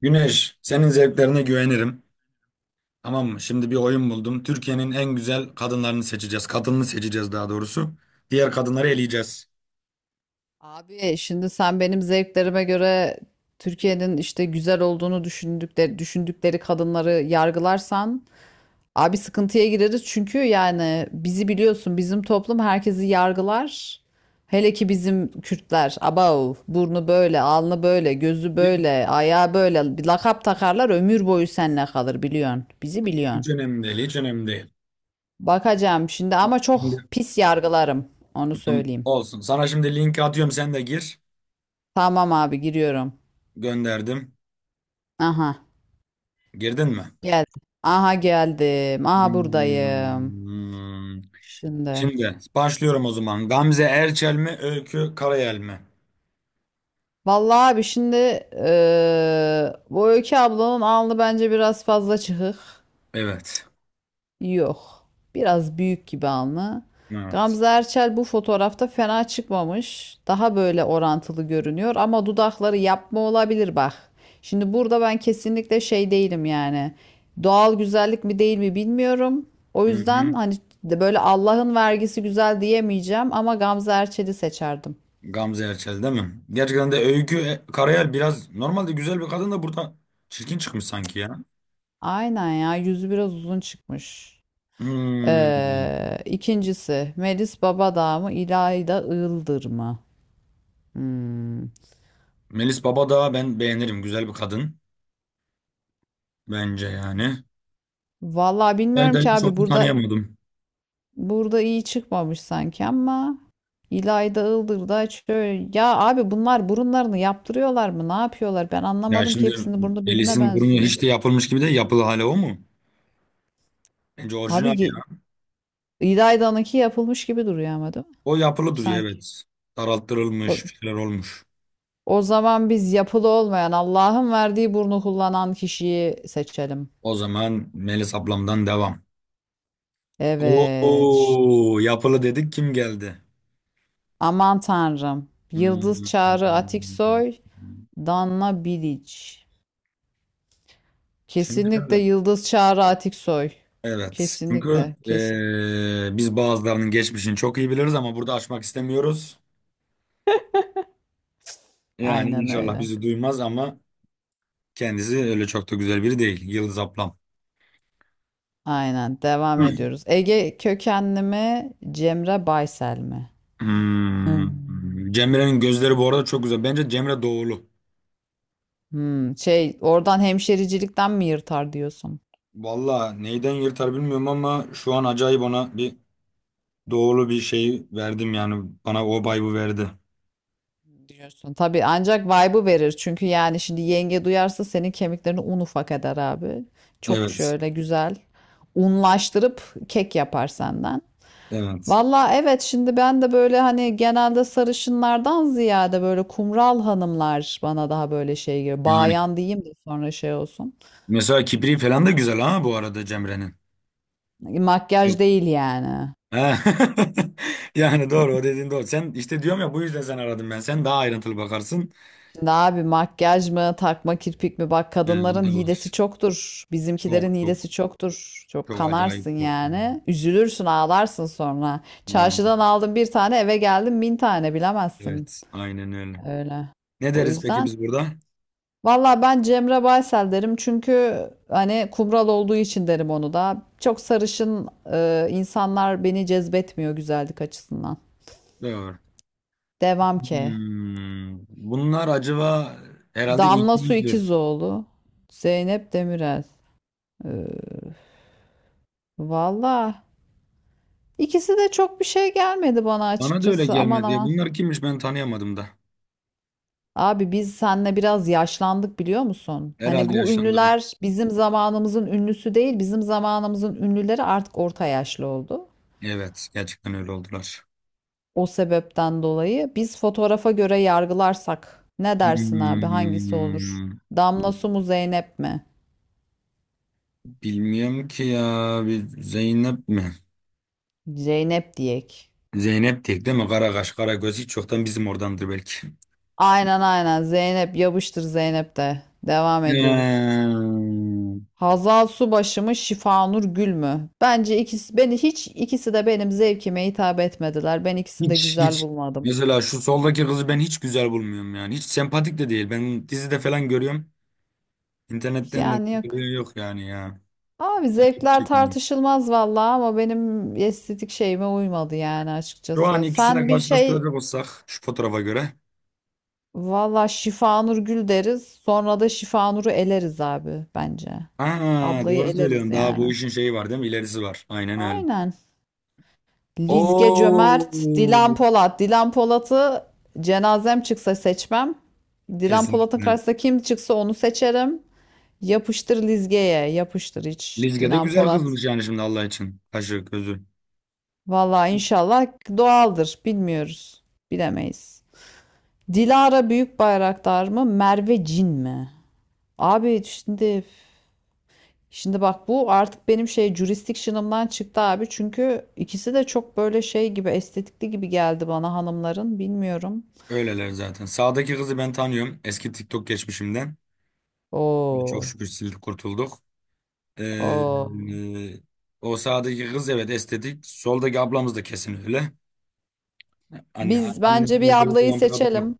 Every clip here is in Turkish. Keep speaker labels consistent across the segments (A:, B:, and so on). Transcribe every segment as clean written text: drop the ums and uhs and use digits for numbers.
A: Güneş, senin zevklerine güvenirim. Tamam mı? Şimdi bir oyun buldum. Türkiye'nin en güzel kadınlarını seçeceğiz. Kadını seçeceğiz daha doğrusu. Diğer kadınları eleyeceğiz.
B: Abi şimdi sen benim zevklerime göre Türkiye'nin işte güzel olduğunu düşündükleri kadınları yargılarsan abi sıkıntıya gireriz çünkü yani bizi biliyorsun bizim toplum herkesi yargılar. Hele ki bizim Kürtler abav burnu böyle alnı böyle gözü
A: Hiç,
B: böyle ayağı böyle bir lakap takarlar ömür boyu seninle kalır biliyorsun bizi biliyorsun.
A: hiç önemli değil, hiç önemli değil.
B: Bakacağım şimdi
A: Bak
B: ama çok
A: şimdi,
B: pis yargılarım onu
A: tamam,
B: söyleyeyim.
A: olsun. Sana şimdi linki atıyorum, sen de gir.
B: Tamam abi giriyorum.
A: Gönderdim.
B: Aha.
A: Girdin mi?
B: Geldim. Aha geldim. Aha buradayım.
A: Hmm.
B: Şimdi.
A: Şimdi başlıyorum o zaman. Gamze Erçel mi, Öykü Karayel mi?
B: Vallahi abi şimdi bu Öykü ablanın alnı bence biraz fazla çıkık.
A: Evet.
B: Yok. Biraz büyük gibi alnı.
A: Evet.
B: Gamze Erçel bu fotoğrafta fena çıkmamış. Daha böyle orantılı görünüyor ama dudakları yapma olabilir bak. Şimdi burada ben kesinlikle şey değilim yani. Doğal güzellik mi değil mi bilmiyorum. O
A: Hı
B: yüzden
A: hı.
B: hani böyle Allah'ın vergisi güzel diyemeyeceğim ama Gamze Erçel'i seçerdim.
A: Gamze Erçel değil mi? Gerçekten de Öykü Karayel biraz normalde güzel bir kadın da burada çirkin çıkmış sanki ya.
B: Aynen ya yüzü biraz uzun çıkmış.
A: Hmm.
B: İkincisi Melis Babadağ mı İlayda Iğıldır mı? Hmm.
A: Melis Baba da ben beğenirim. Güzel bir kadın bence yani.
B: Vallahi bilmiyorum ki
A: Hayda'yı çok
B: abi
A: da
B: burada
A: tanıyamadım.
B: burada iyi çıkmamış sanki ama İlayda Iğdır'da şöyle ya abi bunlar burunlarını yaptırıyorlar mı? Ne yapıyorlar? Ben
A: Ya
B: anlamadım ki
A: şimdi
B: hepsinin burnu birbirine
A: Melis'in burnu
B: benziyor.
A: hiç de yapılmış gibi de yapılı hale o mu? Bence
B: Abi
A: orijinal
B: ye-
A: ya.
B: İlayda'nınki yapılmış gibi duruyor ama değil mi?
A: O yapılı duruyor,
B: Sanki.
A: evet.
B: O,
A: Daralttırılmış bir şeyler olmuş.
B: o zaman biz yapılı olmayan Allah'ın verdiği burnu kullanan kişiyi seçelim.
A: O zaman Melis ablamdan devam.
B: Evet. Şşt.
A: Oo, yapılı dedik kim geldi?
B: Aman Tanrım. Yıldız Çağrı
A: Hmm.
B: Atiksoy, Danla Bilic.
A: Şimdi
B: Kesinlikle
A: şöyle.
B: Yıldız Çağrı Atiksoy.
A: Evet. Çünkü
B: Kesinlikle. Kesin.
A: biz bazılarının geçmişini çok iyi biliriz ama burada açmak istemiyoruz. Yani
B: Aynen
A: inşallah
B: öyle.
A: bizi duymaz ama kendisi öyle çok da güzel biri değil. Yıldız ablam.
B: Aynen. Devam
A: Hmm.
B: ediyoruz. Ege kökenli mi? Cemre Baysel mi? Hmm.
A: Hmm. Cemre'nin gözleri bu arada çok güzel. Bence Cemre doğulu.
B: Hmm, şey oradan hemşericilikten mi yırtar diyorsun?
A: Valla neyden yırtar bilmiyorum ama şu an acayip ona bir doğulu bir şey verdim yani. Bana o vibe'ı verdi.
B: Diyorsun. Tabii ancak vibe'ı verir. Çünkü yani şimdi yenge duyarsa senin kemiklerini un ufak eder abi. Çok
A: Evet.
B: şöyle güzel unlaştırıp kek yapar senden.
A: Evet.
B: Valla evet şimdi ben de böyle hani genelde sarışınlardan ziyade böyle kumral hanımlar bana daha böyle şey geliyor.
A: Yani
B: Bayan diyeyim de sonra şey olsun.
A: mesela kibri falan da güzel ha bu arada Cemre'nin.
B: Makyaj değil yani.
A: He. Yani doğru, o dediğin doğru. Sen işte diyorum ya, bu yüzden sen aradım ben. Sen daha ayrıntılı bakarsın.
B: Şimdi abi makyaj mı takma kirpik mi bak
A: Yani o
B: kadınların
A: da
B: hilesi
A: var.
B: çoktur. Bizimkilerin
A: Çok çok
B: hilesi çoktur. Çok
A: çok
B: kanarsın
A: acayip çok. Yani.
B: yani. Üzülürsün ağlarsın sonra. Çarşıdan
A: Vallahi.
B: aldın bir tane eve geldin bin tane bilemezsin.
A: Evet, aynen öyle.
B: Öyle.
A: Ne
B: O
A: deriz peki
B: yüzden
A: biz burada?
B: valla ben Cemre Baysel derim çünkü hani kumral olduğu için derim onu da. Çok sarışın insanlar beni cezbetmiyor güzellik açısından.
A: Doğru.
B: Devam ki.
A: Bunlar acaba herhalde
B: Damla Su
A: İngilizdir.
B: İkizoğlu, Zeynep Demirel. E, valla ikisi de çok bir şey gelmedi bana
A: Bana da öyle
B: açıkçası aman
A: gelmedi ya.
B: aman.
A: Bunlar kimmiş, ben tanıyamadım da.
B: Abi biz seninle biraz yaşlandık biliyor musun? Hani
A: Herhalde
B: bu
A: yaşlandım.
B: ünlüler bizim zamanımızın ünlüsü değil, bizim zamanımızın ünlüleri artık orta yaşlı oldu.
A: Evet, gerçekten öyle oldular.
B: O sebepten dolayı biz fotoğrafa göre yargılarsak ne dersin abi hangisi olur?
A: Hmm,
B: Damla su mu Zeynep mi?
A: Bilmiyorum ki ya. Bir Zeynep mi?
B: Zeynep diyek.
A: Zeynep tek değil mi? Karakaş, Karagöz hiç çoktan bizim oradandır belki.
B: Aynen aynen Zeynep yapıştır Zeynep de. Devam ediyoruz.
A: Hmm.
B: Hazal Subaşı mı Şifanur Gül mü? Bence ikisi beni hiç ikisi de benim zevkime hitap etmediler. Ben ikisini de
A: Hiç
B: güzel
A: hiç.
B: bulmadım.
A: Mesela şu soldaki kızı ben hiç güzel bulmuyorum yani. Hiç sempatik de değil. Ben dizide falan görüyorum. İnternetten de
B: Yani yok.
A: yok yani ya.
B: Abi
A: İlgimi
B: zevkler
A: çekmiyor.
B: tartışılmaz vallahi ama benim estetik şeyime uymadı yani
A: Şu an
B: açıkçası.
A: ikisine
B: Sen bir şey
A: karşılaştıracak olsak şu fotoğrafa göre.
B: valla Şifanur Gül deriz. Sonra da Şifanur'u eleriz abi bence.
A: Ha,
B: Ablayı
A: doğru
B: eleriz
A: söylüyorsun. Daha bu
B: yani.
A: işin şeyi var değil mi? İlerisi var. Aynen öyle.
B: Aynen. Lizge Cömert, Dilan
A: Oo.
B: Polat. Dilan Polat'ı cenazem çıksa seçmem. Dilan Polat'ın
A: Kesinlikle.
B: karşısında kim çıksa onu seçerim. Yapıştır Lizge'ye. Yapıştır hiç.
A: Lizge de
B: Dilan
A: güzel
B: Polat.
A: kızmış yani şimdi Allah için. Kaşı, gözü.
B: Valla inşallah doğaldır. Bilmiyoruz. Bilemeyiz. Dilara Büyükbayraktar mı? Merve Cin mi? Abi şimdi şimdi bak bu artık benim şey jurisdiction'ımdan çıktı abi. Çünkü ikisi de çok böyle şey gibi estetikli gibi geldi bana hanımların. Bilmiyorum.
A: Öyleler zaten. Sağdaki kızı ben tanıyorum. Eski TikTok geçmişimden. Çok
B: Oo.
A: şükür sildik, kurtulduk. Ee,
B: Oo.
A: e, O sağdaki kız evet estetik. Soldaki ablamız da kesin öyle. Anne,
B: Biz bence
A: annesinden
B: bir
A: böyle
B: ablayı
A: olan bir kadın yok.
B: seçelim.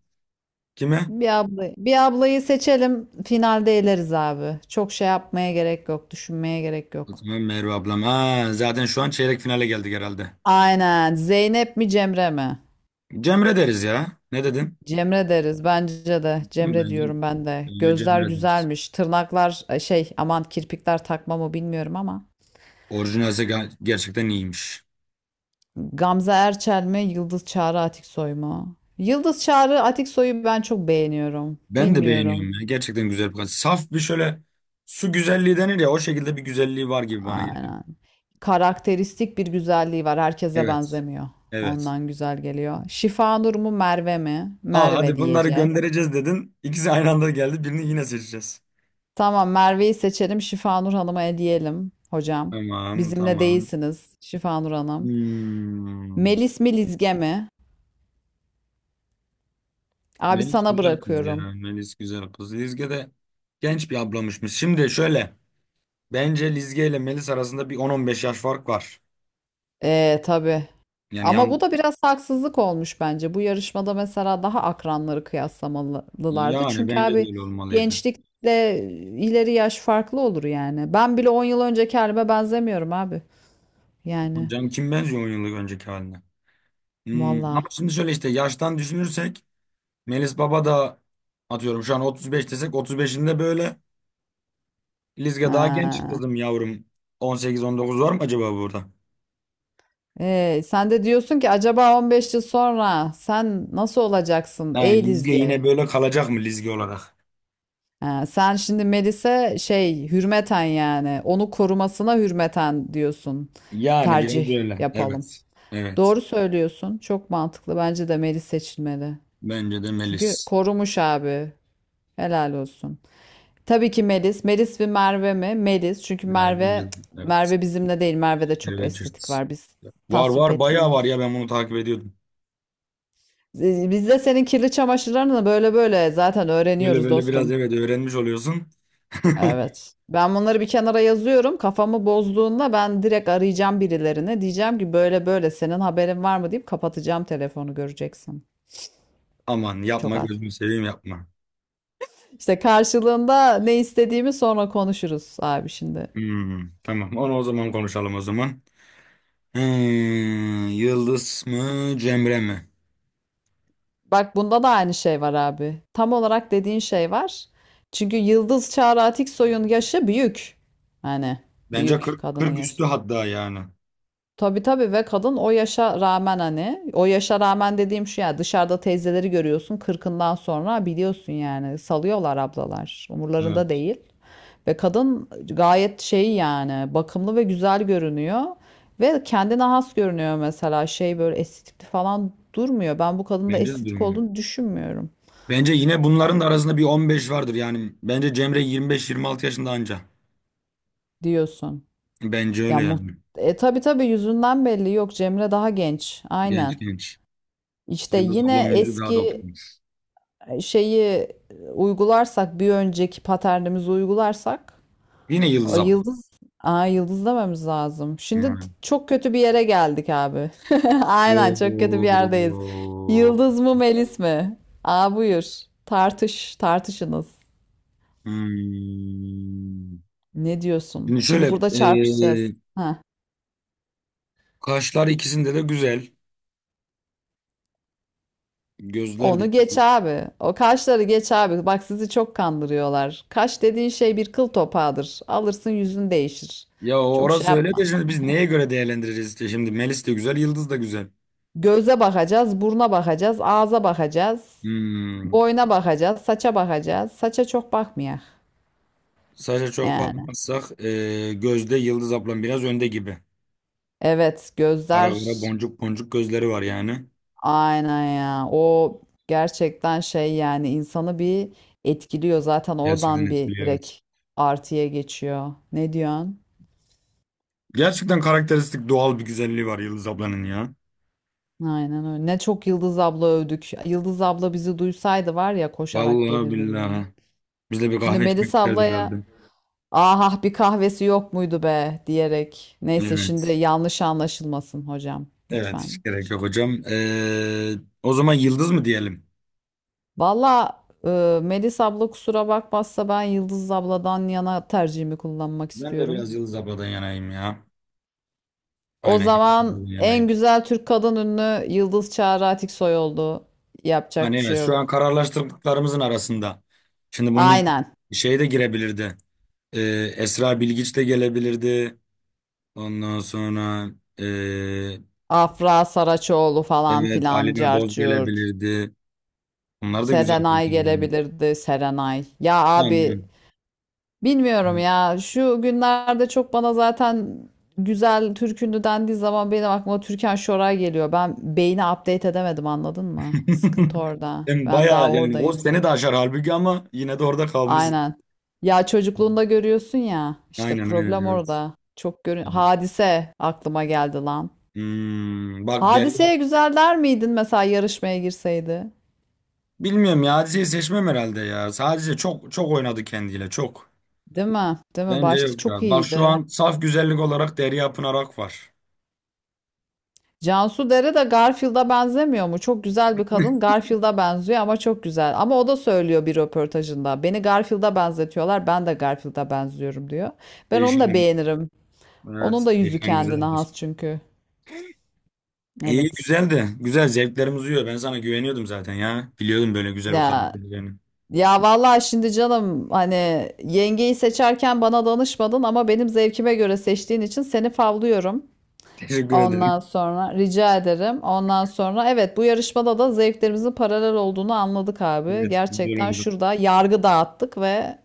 A: Kime?
B: Bir ablayı, bir ablayı seçelim. Finalde eleriz abi. Çok şey yapmaya gerek yok. Düşünmeye gerek
A: O
B: yok.
A: zaman Merve ablam. Ha, zaten şu an çeyrek finale geldik herhalde.
B: Aynen. Zeynep mi Cemre mi?
A: Cemre deriz ya. Ne dedin?
B: Cemre deriz bence de.
A: Hı,
B: Cemre
A: Bence,
B: diyorum ben de.
A: bence
B: Gözler
A: Cemre deriz.
B: güzelmiş. Tırnaklar şey aman kirpikler takma mı bilmiyorum ama.
A: Orijinalse gerçekten iyiymiş.
B: Gamze Erçel mi? Yıldız Çağrı Atiksoy mu? Yıldız Çağrı Atiksoy'u ben çok beğeniyorum.
A: Ben de beğeniyorum
B: Bilmiyorum.
A: ya. Gerçekten güzel bir kadın. Saf bir şöyle su güzelliği denir ya, o şekilde bir güzelliği var gibi bana geliyor.
B: Aynen. Karakteristik bir güzelliği var. Herkese
A: Evet.
B: benzemiyor.
A: Evet.
B: Ondan güzel geliyor. Şifanur mu Merve mi?
A: Al
B: Merve
A: hadi bunları
B: diyeceğiz.
A: göndereceğiz dedin. İkisi aynı anda geldi. Birini yine seçeceğiz.
B: Tamam Merve'yi seçelim. Şifanur Hanım'a hediyelim hocam.
A: Tamam,
B: Bizimle
A: tamam.
B: değilsiniz Şifanur Hanım.
A: Hmm.
B: Melis mi Lizge mi? Abi
A: Melis
B: sana
A: güzel kız ya.
B: bırakıyorum.
A: Melis güzel kız. Lizge de genç bir ablamışmış. Şimdi şöyle. Bence Lizge ile Melis arasında bir 10-15 yaş fark var.
B: Tabii
A: Yani
B: ama bu
A: yan,
B: da biraz haksızlık olmuş bence. Bu yarışmada mesela daha akranları kıyaslamalılardı.
A: yani
B: Çünkü
A: bence de
B: abi
A: öyle olmalıydı.
B: gençlikle ileri yaş farklı olur yani. Ben bile 10 yıl önceki halime benzemiyorum abi. Yani
A: Hocam kim benziyor 10 yıllık önceki haline? Ama
B: valla.
A: şimdi şöyle işte yaştan düşünürsek Melis Baba da atıyorum şu an 35 desek 35'inde böyle Lizge daha genç
B: Ha.
A: kızım yavrum. 18-19 var mı acaba burada?
B: Sen de diyorsun ki acaba 15 yıl sonra sen nasıl olacaksın
A: Ha,
B: ey
A: Lizge
B: Lizge?
A: yine böyle kalacak mı Lizge olarak?
B: Ha, sen şimdi Melis'e şey hürmeten yani onu korumasına hürmeten diyorsun
A: Yani biraz
B: tercih
A: öyle.
B: yapalım.
A: Evet. Evet.
B: Doğru söylüyorsun. Çok mantıklı. Bence de Melis seçilmeli.
A: Bence de
B: Çünkü
A: Melis.
B: korumuş abi. Helal olsun. Tabii ki Melis. Melis ve Merve mi? Melis. Çünkü
A: Yani bence
B: Merve
A: de, evet.
B: Merve bizimle değil. Merve'de çok estetik
A: Richards.
B: var. Biz
A: Var
B: tasvip
A: var bayağı var
B: etmiyoruz.
A: ya, ben bunu takip ediyordum.
B: Biz de senin kirli çamaşırlarını da böyle böyle zaten
A: Böyle
B: öğreniyoruz
A: böyle biraz
B: dostum.
A: evet öğrenmiş oluyorsun.
B: Evet. Ben bunları bir kenara yazıyorum. Kafamı bozduğunda ben direkt arayacağım birilerine. Diyeceğim ki böyle böyle senin haberin var mı deyip kapatacağım telefonu göreceksin.
A: Aman
B: Çok
A: yapma,
B: az.
A: gözünü seveyim, yapma.
B: İşte karşılığında ne istediğimi sonra konuşuruz abi şimdi.
A: Hmm, tamam. Onu o zaman konuşalım o zaman. Yıldız mı, Cemre mi?
B: Bak bunda da aynı şey var abi. Tam olarak dediğin şey var. Çünkü Yıldız Çağrı Atiksoy'un yaşı büyük. Hani
A: Bence
B: büyük
A: 40,
B: kadının
A: 40
B: yaşı.
A: üstü hatta yani.
B: Tabii tabii ve kadın o yaşa rağmen hani o yaşa rağmen dediğim şu ya dışarıda teyzeleri görüyorsun kırkından sonra biliyorsun yani salıyorlar ablalar umurlarında
A: Evet.
B: değil. Ve kadın gayet şey yani bakımlı ve güzel görünüyor ve kendine has görünüyor mesela şey böyle estetikli falan durmuyor. Ben bu kadında
A: Bence de
B: estetik
A: durmuyor.
B: olduğunu düşünmüyorum
A: Bence yine bunların da arasında bir 15 vardır yani. Bence Cemre 25-26 yaşında anca.
B: diyorsun.
A: Bence
B: Ya
A: öyle
B: muht
A: yani.
B: tabii tabii yüzünden belli yok Cemre daha genç
A: Genç
B: aynen.
A: genç.
B: İşte
A: Yıldız
B: yine
A: ablamın yüzü daha da
B: eski
A: oturmuş.
B: şeyi uygularsak bir önceki paternimizi uygularsak
A: Yine
B: o
A: Yıldız abla.
B: yıldız Aa, yıldız dememiz lazım. Şimdi
A: Yani.
B: çok kötü bir yere geldik abi. Aynen çok kötü bir yerdeyiz.
A: Oo.
B: Yıldız mı Melis mi? Aa buyur. Tartış, tartışınız.
A: Hmm.
B: Ne diyorsun?
A: Şimdi
B: Şimdi
A: şöyle,
B: burada çarpışacağız.
A: e,
B: Heh.
A: kaşlar ikisinde de güzel. Gözler de
B: Onu geç abi. O kaşları geç abi. Bak sizi çok kandırıyorlar. Kaş dediğin şey bir kıl topağıdır. Alırsın yüzün değişir.
A: ya,
B: Çok şey
A: orası öyle de
B: yapma.
A: şimdi biz neye göre değerlendireceğiz işte şimdi Melis de güzel, Yıldız da güzel.
B: Göze bakacağız, buruna bakacağız, ağza bakacağız,
A: Hmm.
B: boyna bakacağız, saça bakacağız. Saça çok bakmayak
A: Saça çok
B: yani.
A: bakmazsak gözde Yıldız ablam biraz önde gibi.
B: Evet,
A: Ara ara
B: gözler
A: boncuk boncuk gözleri var yani.
B: aynen ya. O gerçekten şey yani insanı bir etkiliyor zaten
A: Gerçekten
B: oradan bir
A: etkiliyor evet.
B: direkt artıya geçiyor. Ne diyorsun?
A: Gerçekten karakteristik doğal bir güzelliği var Yıldız ablanın ya.
B: Aynen öyle. Ne çok Yıldız abla övdük. Yıldız abla bizi duysaydı var ya koşarak
A: Vallahi
B: gelirdi böyle.
A: billahi. Biz de bir
B: Şimdi
A: kahve içmek
B: Melis
A: isterdi herhalde.
B: ablaya ah ah, bir kahvesi yok muydu be diyerek. Neyse şimdi
A: Evet.
B: yanlış anlaşılmasın hocam
A: Evet, hiç
B: lütfen.
A: gerek
B: Şey.
A: yok hocam. E, o zaman Yıldız mı diyelim?
B: Valla Melis abla kusura bakmazsa ben Yıldız abladan yana tercihimi kullanmak
A: Ben de
B: istiyorum.
A: biraz Yıldız abladan yanayım ya.
B: O
A: Aynen, Yıldız
B: zaman
A: abladan
B: en
A: yanayım.
B: güzel Türk kadın ünlü Yıldız Çağrı Atiksoy oldu.
A: Hani
B: Yapacak bir
A: evet
B: şey
A: şu an
B: yok.
A: kararlaştırdıklarımızın arasında. Şimdi bunun için
B: Aynen.
A: şey de girebilirdi. Ee, Esra Bilgiç de gelebilirdi. Ondan sonra ee,
B: Afra Saraçoğlu falan
A: evet
B: filan
A: Alina Boz
B: cart
A: gelebilirdi. Bunlar da güzel
B: Serenay
A: kızlar yani.
B: gelebilirdi Serenay. Ya
A: Yani
B: abi bilmiyorum ya. Şu günlerde çok bana zaten güzel Türk ünlü dendiği zaman benim aklıma Türkan Şoray geliyor. Ben beyni update edemedim anladın mı? Sıkıntı orada.
A: hem
B: Ben daha
A: bayağı yani o
B: oradayım.
A: seni de aşar halbuki ama yine de orada kalmışsın.
B: Aynen. Ya çocukluğunda görüyorsun ya. İşte
A: Aynen aynen
B: problem
A: evet.
B: orada. Çok görün. Hadise aklıma geldi lan.
A: Bak Derya
B: Hadiseye güzel der miydin mesela yarışmaya girseydi?
A: bilmiyorum ya, Hadise'yi seçmem herhalde ya. Sadece çok çok oynadı kendiyle çok.
B: Değil mi? Değil mi?
A: Bence
B: Başta
A: yok
B: çok
A: ya. Bak şu
B: iyiydi.
A: an saf güzellik olarak Derya Pınar var.
B: Cansu Dere de Garfield'a benzemiyor mu? Çok güzel bir kadın. Garfield'a benziyor ama çok güzel. Ama o da söylüyor bir röportajında. Beni Garfield'a benzetiyorlar. Ben de Garfield'a benziyorum diyor. Ben onu da
A: Değişenim.
B: beğenirim. Onun
A: Evet.
B: da yüzü
A: Değişen
B: kendine
A: güzeldir.
B: has çünkü.
A: İyi,
B: Evet.
A: güzeldi. Güzel, zevklerimiz uyuyor. Ben sana güveniyordum zaten ya. Biliyordum böyle güzel bir kadın
B: Ya
A: olacağını.
B: ya vallahi şimdi canım hani yengeyi seçerken bana danışmadın ama benim zevkime göre seçtiğin için seni favlıyorum.
A: Teşekkür ederim.
B: Ondan sonra rica ederim. Ondan sonra evet bu yarışmada da zevklerimizin paralel olduğunu anladık abi.
A: Evet. Güzel
B: Gerçekten
A: oldu.
B: şurada yargı dağıttık ve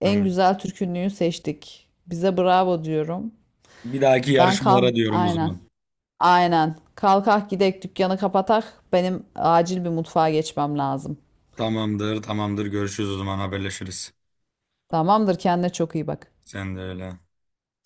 B: en
A: Evet.
B: güzel türkünlüğü seçtik. Bize bravo diyorum.
A: Bir dahaki
B: Ben kal
A: yarışmalara diyorum o
B: aynen.
A: zaman.
B: Aynen. Kalkak gidek dükkanı kapatak. Benim acil bir mutfağa geçmem lazım.
A: Tamamdır, tamamdır. Görüşürüz o zaman, haberleşiriz.
B: Tamamdır kendine çok iyi bak.
A: Sen de öyle.